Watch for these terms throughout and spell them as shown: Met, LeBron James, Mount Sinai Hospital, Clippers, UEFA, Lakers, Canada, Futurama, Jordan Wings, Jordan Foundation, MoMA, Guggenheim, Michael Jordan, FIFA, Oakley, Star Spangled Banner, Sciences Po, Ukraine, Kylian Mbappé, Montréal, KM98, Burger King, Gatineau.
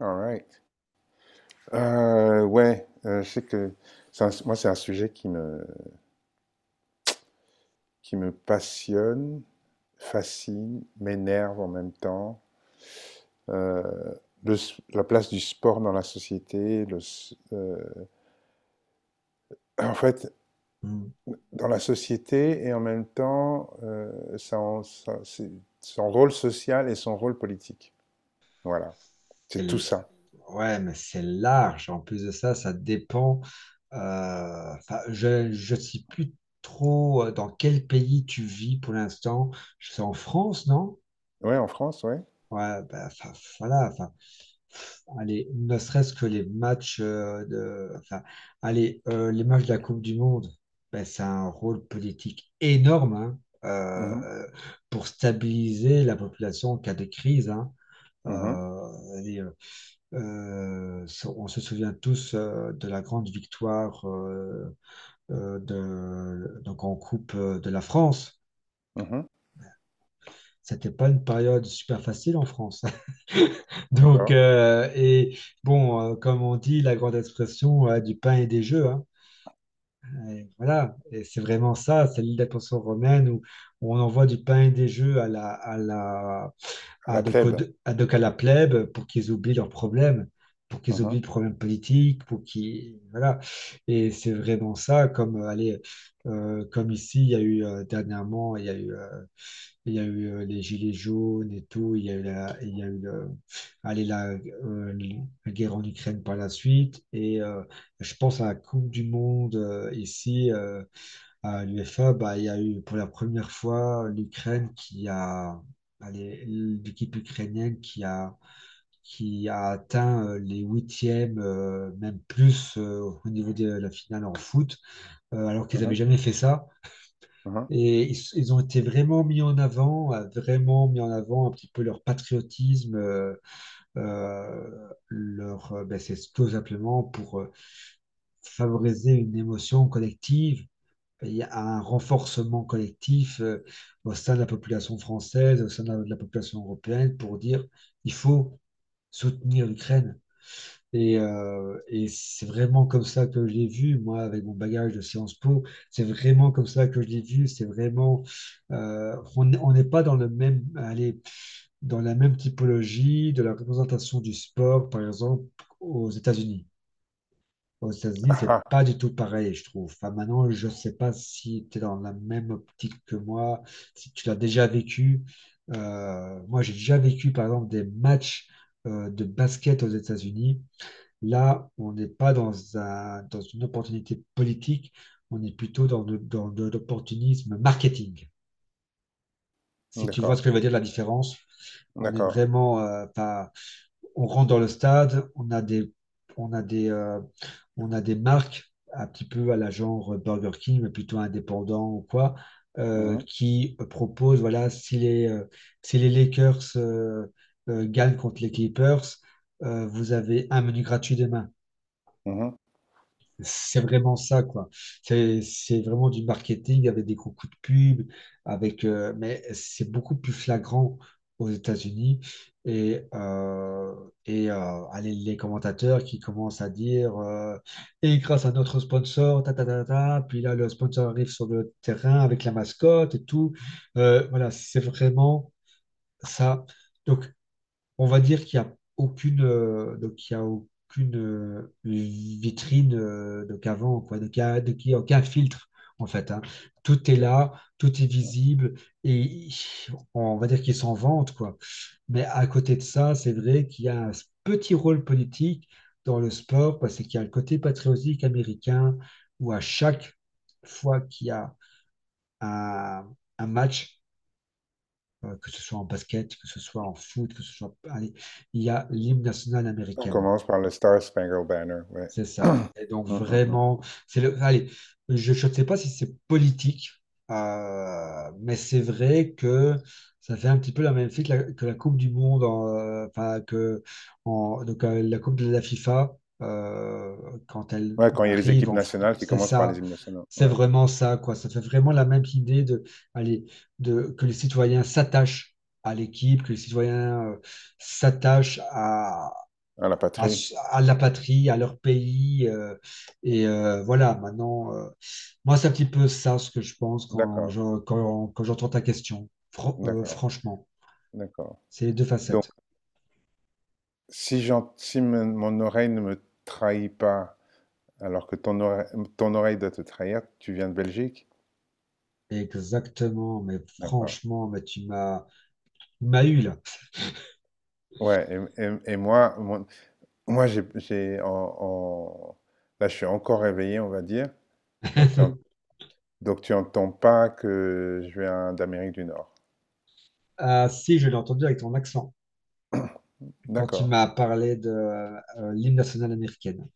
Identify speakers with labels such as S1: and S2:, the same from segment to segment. S1: All right. Ouais, je sais que moi, c'est un sujet qui me passionne, fascine, m'énerve en même temps. Euh, la place du sport dans la société, en fait,
S2: Mm.
S1: dans la société et en même temps, son rôle social et son rôle politique. Voilà,
S2: C'est
S1: c'est tout
S2: l-
S1: ça.
S2: Ouais, mais c'est large. En plus de ça, ça dépend. Enfin, je ne sais plus trop dans quel pays tu vis pour l'instant. C'est en France, non?
S1: Ouais, en France, ouais.
S2: Ouais, bah, enfin, voilà. Enfin, allez, ne serait-ce que les matchs de. Enfin, allez, les matchs de la Coupe du Monde, ben, c'est un rôle politique énorme, hein,
S1: Mhm,
S2: euh, pour stabiliser la population en cas de crise, hein.
S1: mhm,
S2: Euh, allez, euh, on se souvient tous de la grande victoire de, donc en Coupe de la France.
S1: mhm.
S2: C'était pas une période super facile en France. Donc,
S1: D'accord.
S2: et bon, comme on dit, la grande expression du pain et des jeux, hein. Et voilà, et c'est vraiment ça, c'est l'île d'attention romaine où on envoie du pain et des jeux à la, à la
S1: À
S2: à
S1: la
S2: de, quoi-
S1: plèbe.
S2: à de qu'à la plèbe pour qu'ils oublient leurs problèmes, pour qu'ils oublient
S1: Mhm,
S2: le problème politique, pour qu'ils... Voilà. Et c'est vraiment ça, comme, allez, comme ici, il y a eu dernièrement, il y a eu, les gilets jaunes et tout, il y a eu la, il y a eu le- allez, euh, la guerre en Ukraine par la suite, et je pense à la Coupe du Monde ici, à l'UEFA, bah, il y a eu pour la première fois l'Ukraine qui a, allez, l'équipe ukrainienne qui a atteint les huitièmes, même plus au niveau de la finale en foot, alors qu'ils n'avaient
S1: mhm,
S2: jamais fait ça.
S1: mhm.
S2: Et ils ont été vraiment mis en avant, vraiment mis en avant un petit peu leur patriotisme, ben, c'est tout simplement pour favoriser une émotion collective, il y a un renforcement collectif au sein de la population française, au sein de la population européenne, pour dire il faut soutenir l'Ukraine. Et c'est vraiment comme ça que je l'ai vu, moi, avec mon bagage de Sciences Po, c'est vraiment comme ça que je l'ai vu, c'est vraiment... On n'est pas dans, le même, allez, dans la même typologie de la représentation du sport, par exemple, aux États-Unis. Aux États-Unis,
S1: Ah,
S2: c'est
S1: ah,
S2: pas du tout pareil, je trouve. Enfin, maintenant, je sais pas si tu es dans la même optique que moi, si tu l'as déjà vécu. Moi, j'ai déjà vécu, par exemple, des matchs de basket aux États-Unis. Là, on n'est pas dans une opportunité politique, on est plutôt dans de l'opportunisme marketing. Si tu vois ce
S1: d'accord.
S2: que je veux dire, la différence, on est
S1: D'accord.
S2: vraiment, enfin, on rentre dans le stade, on a des, on a des, on a des marques un petit peu à la genre Burger King, mais plutôt indépendant ou quoi,
S1: Mmh mh.
S2: qui proposent, voilà, si les, si les Lakers gagnent contre les Clippers, vous avez un menu gratuit demain.
S1: Mmh
S2: C'est vraiment ça, quoi. C'est vraiment du marketing avec des gros coups de pub, avec, mais c'est beaucoup plus flagrant aux États-Unis. Et, allez, les commentateurs qui commencent à dire et grâce à notre sponsor, ta, ta, ta, ta, puis là, le sponsor arrive sur le terrain avec la mascotte et tout. Voilà, c'est vraiment ça. Donc, on va dire qu'il n'y a aucune, donc il y a aucune vitrine donc avant, quoi. Donc il y a, donc il y a aucun filtre, en fait, hein. Tout est
S1: Mmh.
S2: là, tout est
S1: Mmh.
S2: visible, et on va dire qu'ils s'en vantent, quoi. Mais à côté de ça, c'est vrai qu'il y a un petit rôle politique dans le sport, parce qu'il y a le côté patriotique américain, où à chaque fois qu'il y a un, un match, que ce soit en basket, que ce soit en foot, que ce soit... Allez, il y a l'hymne national
S1: On
S2: américaine.
S1: commence par le Star Spangled Banner, ouais.
S2: C'est ça. Et donc
S1: Mmh, mmh, mmh.
S2: vraiment, c'est le. Allez, je ne sais pas si c'est politique, mais c'est vrai que ça fait un petit peu la même fille que la Coupe du Monde, en, enfin que donc, la Coupe de la FIFA euh, quand elle
S1: Ouais, quand il y a les
S2: arrive
S1: équipes nationales qui
S2: c'est
S1: commencent par les
S2: ça.
S1: hymnes nationaux,
S2: C'est
S1: ouais.
S2: vraiment ça, quoi. Ça fait vraiment la même idée de, allez, de que les citoyens s'attachent à l'équipe, que les citoyens s'attachent
S1: À la
S2: à,
S1: patrie?
S2: à la patrie, à leur pays, et voilà, maintenant, moi, c'est un petit peu ça ce que je pense quand
S1: D'accord,
S2: quand, quand j'entends ta question.
S1: d'accord,
S2: Franchement,
S1: d'accord.
S2: c'est les deux
S1: Donc,
S2: facettes.
S1: si j'en si me mon oreille ne me trahit pas, alors que ton oreille doit te trahir, tu viens de Belgique?
S2: Exactement, mais
S1: D'accord.
S2: franchement, mais tu m'as eu là.
S1: Ouais, et moi, j'ai en là, je suis encore réveillé, on va dire. Donc tu en- donc tu entends pas que je viens d'Amérique du Nord.
S2: Ah si, je l'ai entendu avec ton accent quand tu
S1: D'accord.
S2: m'as parlé de l'hymne national américaine.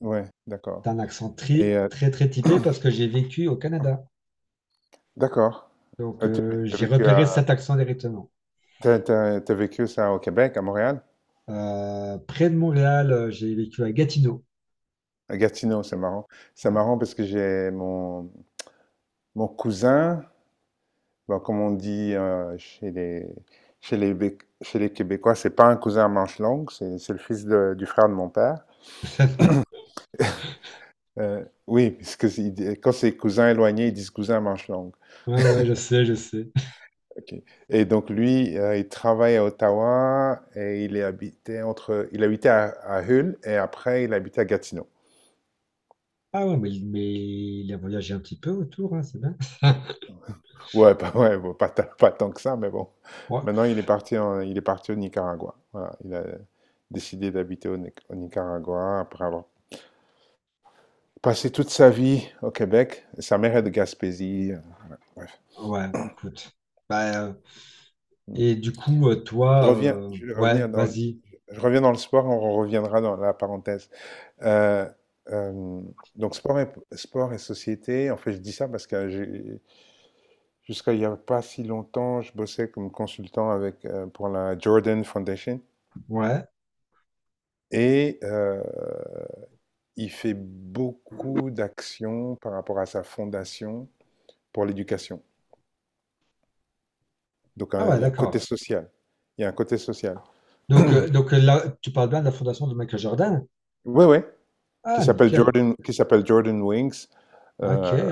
S1: Ouais, d'accord.
S2: T'as un accent
S1: Et
S2: très,
S1: heu,
S2: très, très typé parce que j'ai vécu au Canada.
S1: d'accord.
S2: Donc,
S1: Heu, tu as
S2: j'ai
S1: vécu
S2: repéré
S1: à
S2: cet accent directement.
S1: tu as tu vécu ça au Québec, à Montréal?
S2: Près de Montréal, j'ai vécu à Gatineau.
S1: À Gatineau, c'est marrant. C'est
S2: Ouais.
S1: marrant parce que j'ai mon cousin, bon, comme on dit, chez les Québécois, c'est pas un cousin à manche longues, c'est le fils de du frère de mon père. Oui, parce que quand c'est cousin éloigné, ils disent cousin manche longue.
S2: Ouais, ouais, je sais, je sais.
S1: Ok. Et donc lui, il travaille à Ottawa et il est habité entre, il habitait à Hull et après il habitait à Gatineau.
S2: Ah ouais, mais il a voyagé un petit peu autour, hein, c'est bien.
S1: Ouais, pas, ouais, bon, pas, tant que ça, mais bon.
S2: Ouais,
S1: Maintenant, il est parti au Nicaragua. Voilà, il a décidé d'habiter au, Ni- au Nicaragua après avoir passé toute sa vie au Québec. Sa mère est de Gaspésie. Bref.
S2: ouais, écoute. Bah,
S1: Mm.
S2: et du coup,
S1: Je
S2: toi,
S1: reviens, je vais
S2: ouais,
S1: revenir dans le,
S2: vas-y.
S1: je reviens dans le sport. On reviendra dans la parenthèse. Euh, euh, donc sport et société, en fait je dis ça parce que jusqu'à il n'y a pas si longtemps, je bossais comme consultant pour la Jordan Foundation
S2: Ouais.
S1: et il fait beaucoup d'actions par rapport à sa fondation pour l'éducation. Donc
S2: Ah
S1: hein,
S2: ouais,
S1: il y a un côté
S2: d'accord.
S1: social. Il y a un côté social.
S2: Donc, là, tu parles bien de la fondation de Michael Jordan?
S1: Oui, oui,
S2: Ah, nickel.
S1: Qui s'appelle Jordan Wings.
S2: Ok.
S1: Euh,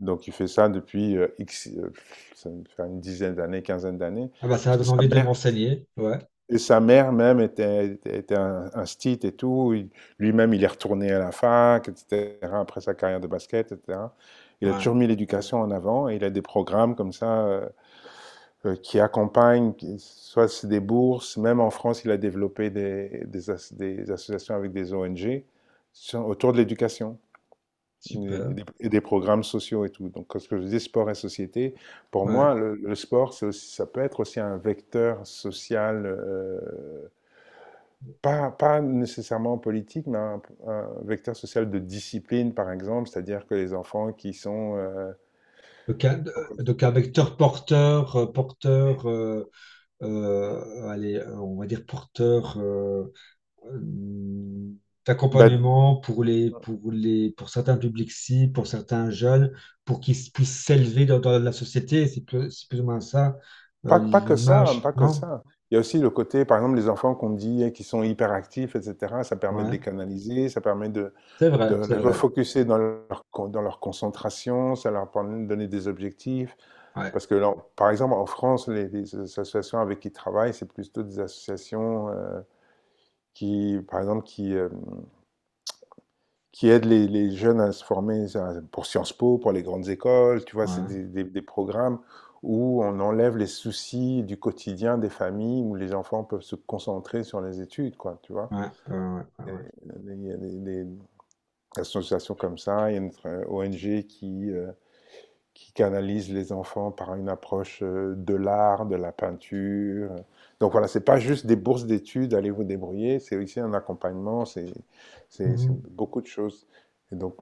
S1: donc il fait ça depuis X, ça doit faire une dizaine d'années, quinzaine d'années,
S2: Ah bah
S1: parce
S2: ça
S1: que
S2: donne
S1: sa
S2: envie de
S1: mère,
S2: m'enseigner. Ouais,
S1: et sa mère même était un stit et tout. Lui-même, il est retourné à la fac, etc., après sa carrière de basket, etc. Il a
S2: ouais,
S1: toujours mis l'éducation en avant et il a des programmes comme ça qui accompagnent, soit c'est des bourses, même en France, il a développé des associations avec des ONG autour de l'éducation
S2: super.
S1: et des programmes sociaux et tout. Donc, ce que je dis, sport et société, pour
S2: Ouais.
S1: moi, le sport, ça peut être aussi un vecteur social. Pas, nécessairement politique, mais un vecteur social de discipline, par exemple, c'est-à-dire que les enfants qui sont...
S2: Donc, un vecteur porteur, allez, on va dire porteur euh,
S1: bah,
S2: d'accompagnement pour les, pour les, pour certains publics cibles, pour certains jeunes, pour puissent s'élever dans, dans la société. C'est plus ou moins ça,
S1: pas, pas que ça, hein,
S2: l'image,
S1: pas que
S2: non?
S1: ça. Il y a aussi le côté, par exemple, les enfants qu'on dit qui sont hyperactifs, etc., ça permet de
S2: Ouais,
S1: les canaliser, ça permet
S2: c'est
S1: de
S2: vrai, c'est
S1: les
S2: vrai.
S1: refocuser dans dans leur concentration, ça leur permet de donner des objectifs.
S2: Ouais,
S1: Parce que, là, par exemple, en France, les associations avec qui ils travaillent, c'est plutôt des associations... qui, par exemple, qui aident les jeunes à se former ça, pour Sciences Po, pour les grandes écoles. Tu vois, c'est
S2: ouais,
S1: des programmes où on enlève les soucis du quotidien des familles, où les enfants peuvent se concentrer sur les études, quoi, tu vois.
S2: ouais, ouais, ouais, ouais. Ouais.
S1: Il y a des associations comme ça, il y a notre ONG qui canalise les enfants par une approche de l'art, de la peinture. Donc voilà, c'est pas juste des bourses d'études, allez vous débrouiller, c'est aussi un accompagnement, c'est
S2: Mhm,
S1: beaucoup de choses. Et donc,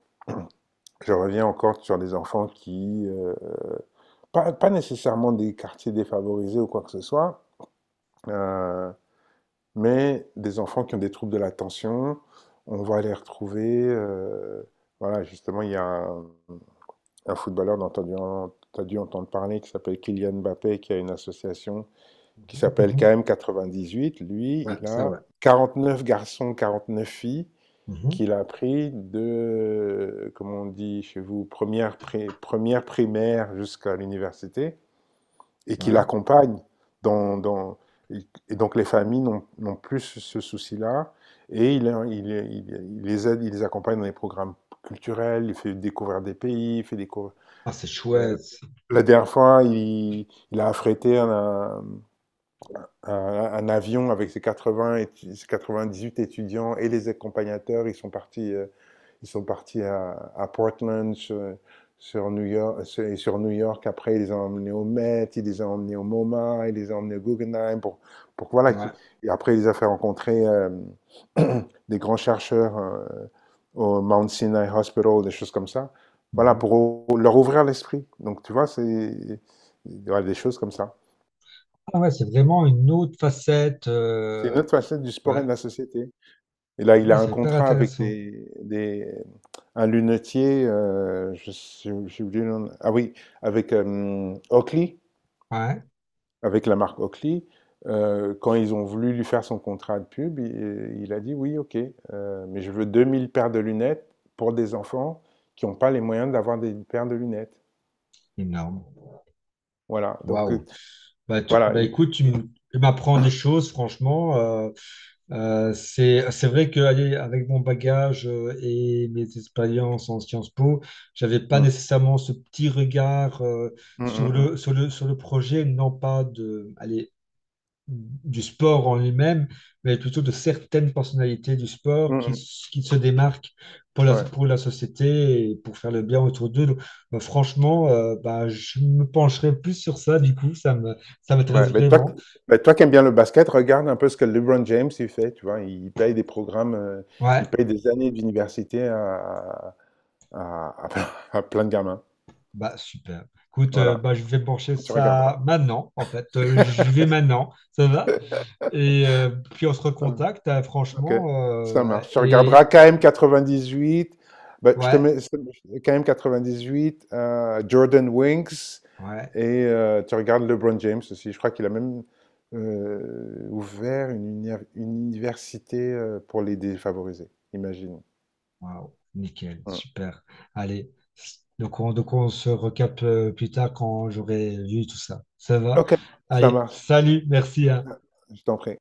S1: je reviens encore sur des enfants qui, pas nécessairement des quartiers défavorisés ou quoi que ce soit, euh, mais des enfants qui ont des troubles de l'attention, on va les retrouver. Voilà, justement, il y a un footballeur dont tu as dû entendre parler qui s'appelle Kylian Mbappé, qui a une association qui
S2: mhm,
S1: s'appelle
S2: mhm.
S1: KM98. Lui,
S2: Ouais,
S1: il
S2: ça,
S1: a
S2: ouais.
S1: 49 garçons, 49 filles
S2: Mhm.
S1: qu'il a appris de, comme on dit chez vous, première primaire jusqu'à l'université, et qu'il
S2: Ouais.
S1: accompagne. Dans, dans- et donc les familles n'ont plus ce souci-là, et il- il- il les aide, il les accompagne dans les programmes culturels, il fait découvrir des pays, il fait découvrir.
S2: Ah, c'est
S1: Euh,
S2: chouette.
S1: la dernière fois, il a affrété un avion avec ses huit étudiants et les accompagnateurs, ils sont partis à Portland, sur New York, sur New York. Après, ils les ont emmenés au Met, ils les ont emmenés au MoMA, ils les ont emmenés au Guggenheim. Voilà,
S2: Ouais.
S1: et après, ils les ont fait rencontrer des grands chercheurs au Mount Sinai Hospital, des choses comme ça. Voilà,
S2: Mhm.
S1: pour leur ouvrir l'esprit. Donc, tu vois, c'est voilà, des choses comme ça.
S2: Ah ouais, c'est vraiment une autre facette.
S1: C'est une autre facette du sport
S2: Ouais.
S1: et de la société. Et là, il
S2: Ouais,
S1: a un
S2: c'est hyper
S1: contrat avec
S2: intéressant.
S1: un lunetier, j'ai oublié le nom. Ah oui, avec Oakley,
S2: Ouais.
S1: avec la marque Oakley. Quand ils ont voulu lui faire son contrat de pub, il a dit oui, ok, mais je veux 2 000 paires de lunettes pour des enfants qui n'ont pas les moyens d'avoir des paires de lunettes.
S2: Énorme.
S1: Voilà,
S2: Waouh. Bah,
S1: voilà.
S2: bah, écoute, tu m'apprends des choses, franchement. C'est vrai que allez, avec mon bagage et mes expériences en Sciences Po, j'avais pas
S1: Mm,
S2: nécessairement ce petit regard
S1: mm,
S2: sur
S1: mm,
S2: le, sur le, sur le projet, non pas de, allez, du sport en lui-même, mais plutôt de certaines personnalités du
S1: mm,
S2: sport
S1: mm,
S2: qui,
S1: mm,
S2: qui se démarquent
S1: ouais.
S2: pour la société et pour faire le bien autour d'eux. Donc, franchement, bah, je me pencherai plus sur ça, du coup, ça me, ça m'intéresse
S1: Ouais, mais toi,
S2: vraiment.
S1: ben, toi qui aimes bien le basket, regarde un peu ce que LeBron James il fait, tu vois, il paye des programmes, il
S2: Ouais,
S1: paye des années d'université à- à- à plein de gamins.
S2: bah super. Écoute,
S1: Voilà,
S2: bah, je vais pencher
S1: tu regarderas.
S2: ça maintenant, en fait. J'y vais maintenant, ça va? Et puis on se
S1: Ça va.
S2: recontacte,
S1: Ok,
S2: franchement,
S1: ça marche. Tu regarderas
S2: et
S1: KM98, ben, je te
S2: ouais,
S1: mets KM98, Jordan Winks,
S2: ouais.
S1: et tu regardes LeBron James aussi. Je crois qu'il a même ouvert une université pour les défavorisés, imagine.
S2: Waouh, nickel,
S1: Hum.
S2: super. Allez, donc on se recapte plus tard quand j'aurai vu tout ça. Ça va?
S1: OK, ça
S2: Allez,
S1: marche.
S2: salut, merci, hein.
S1: Je t'en prie.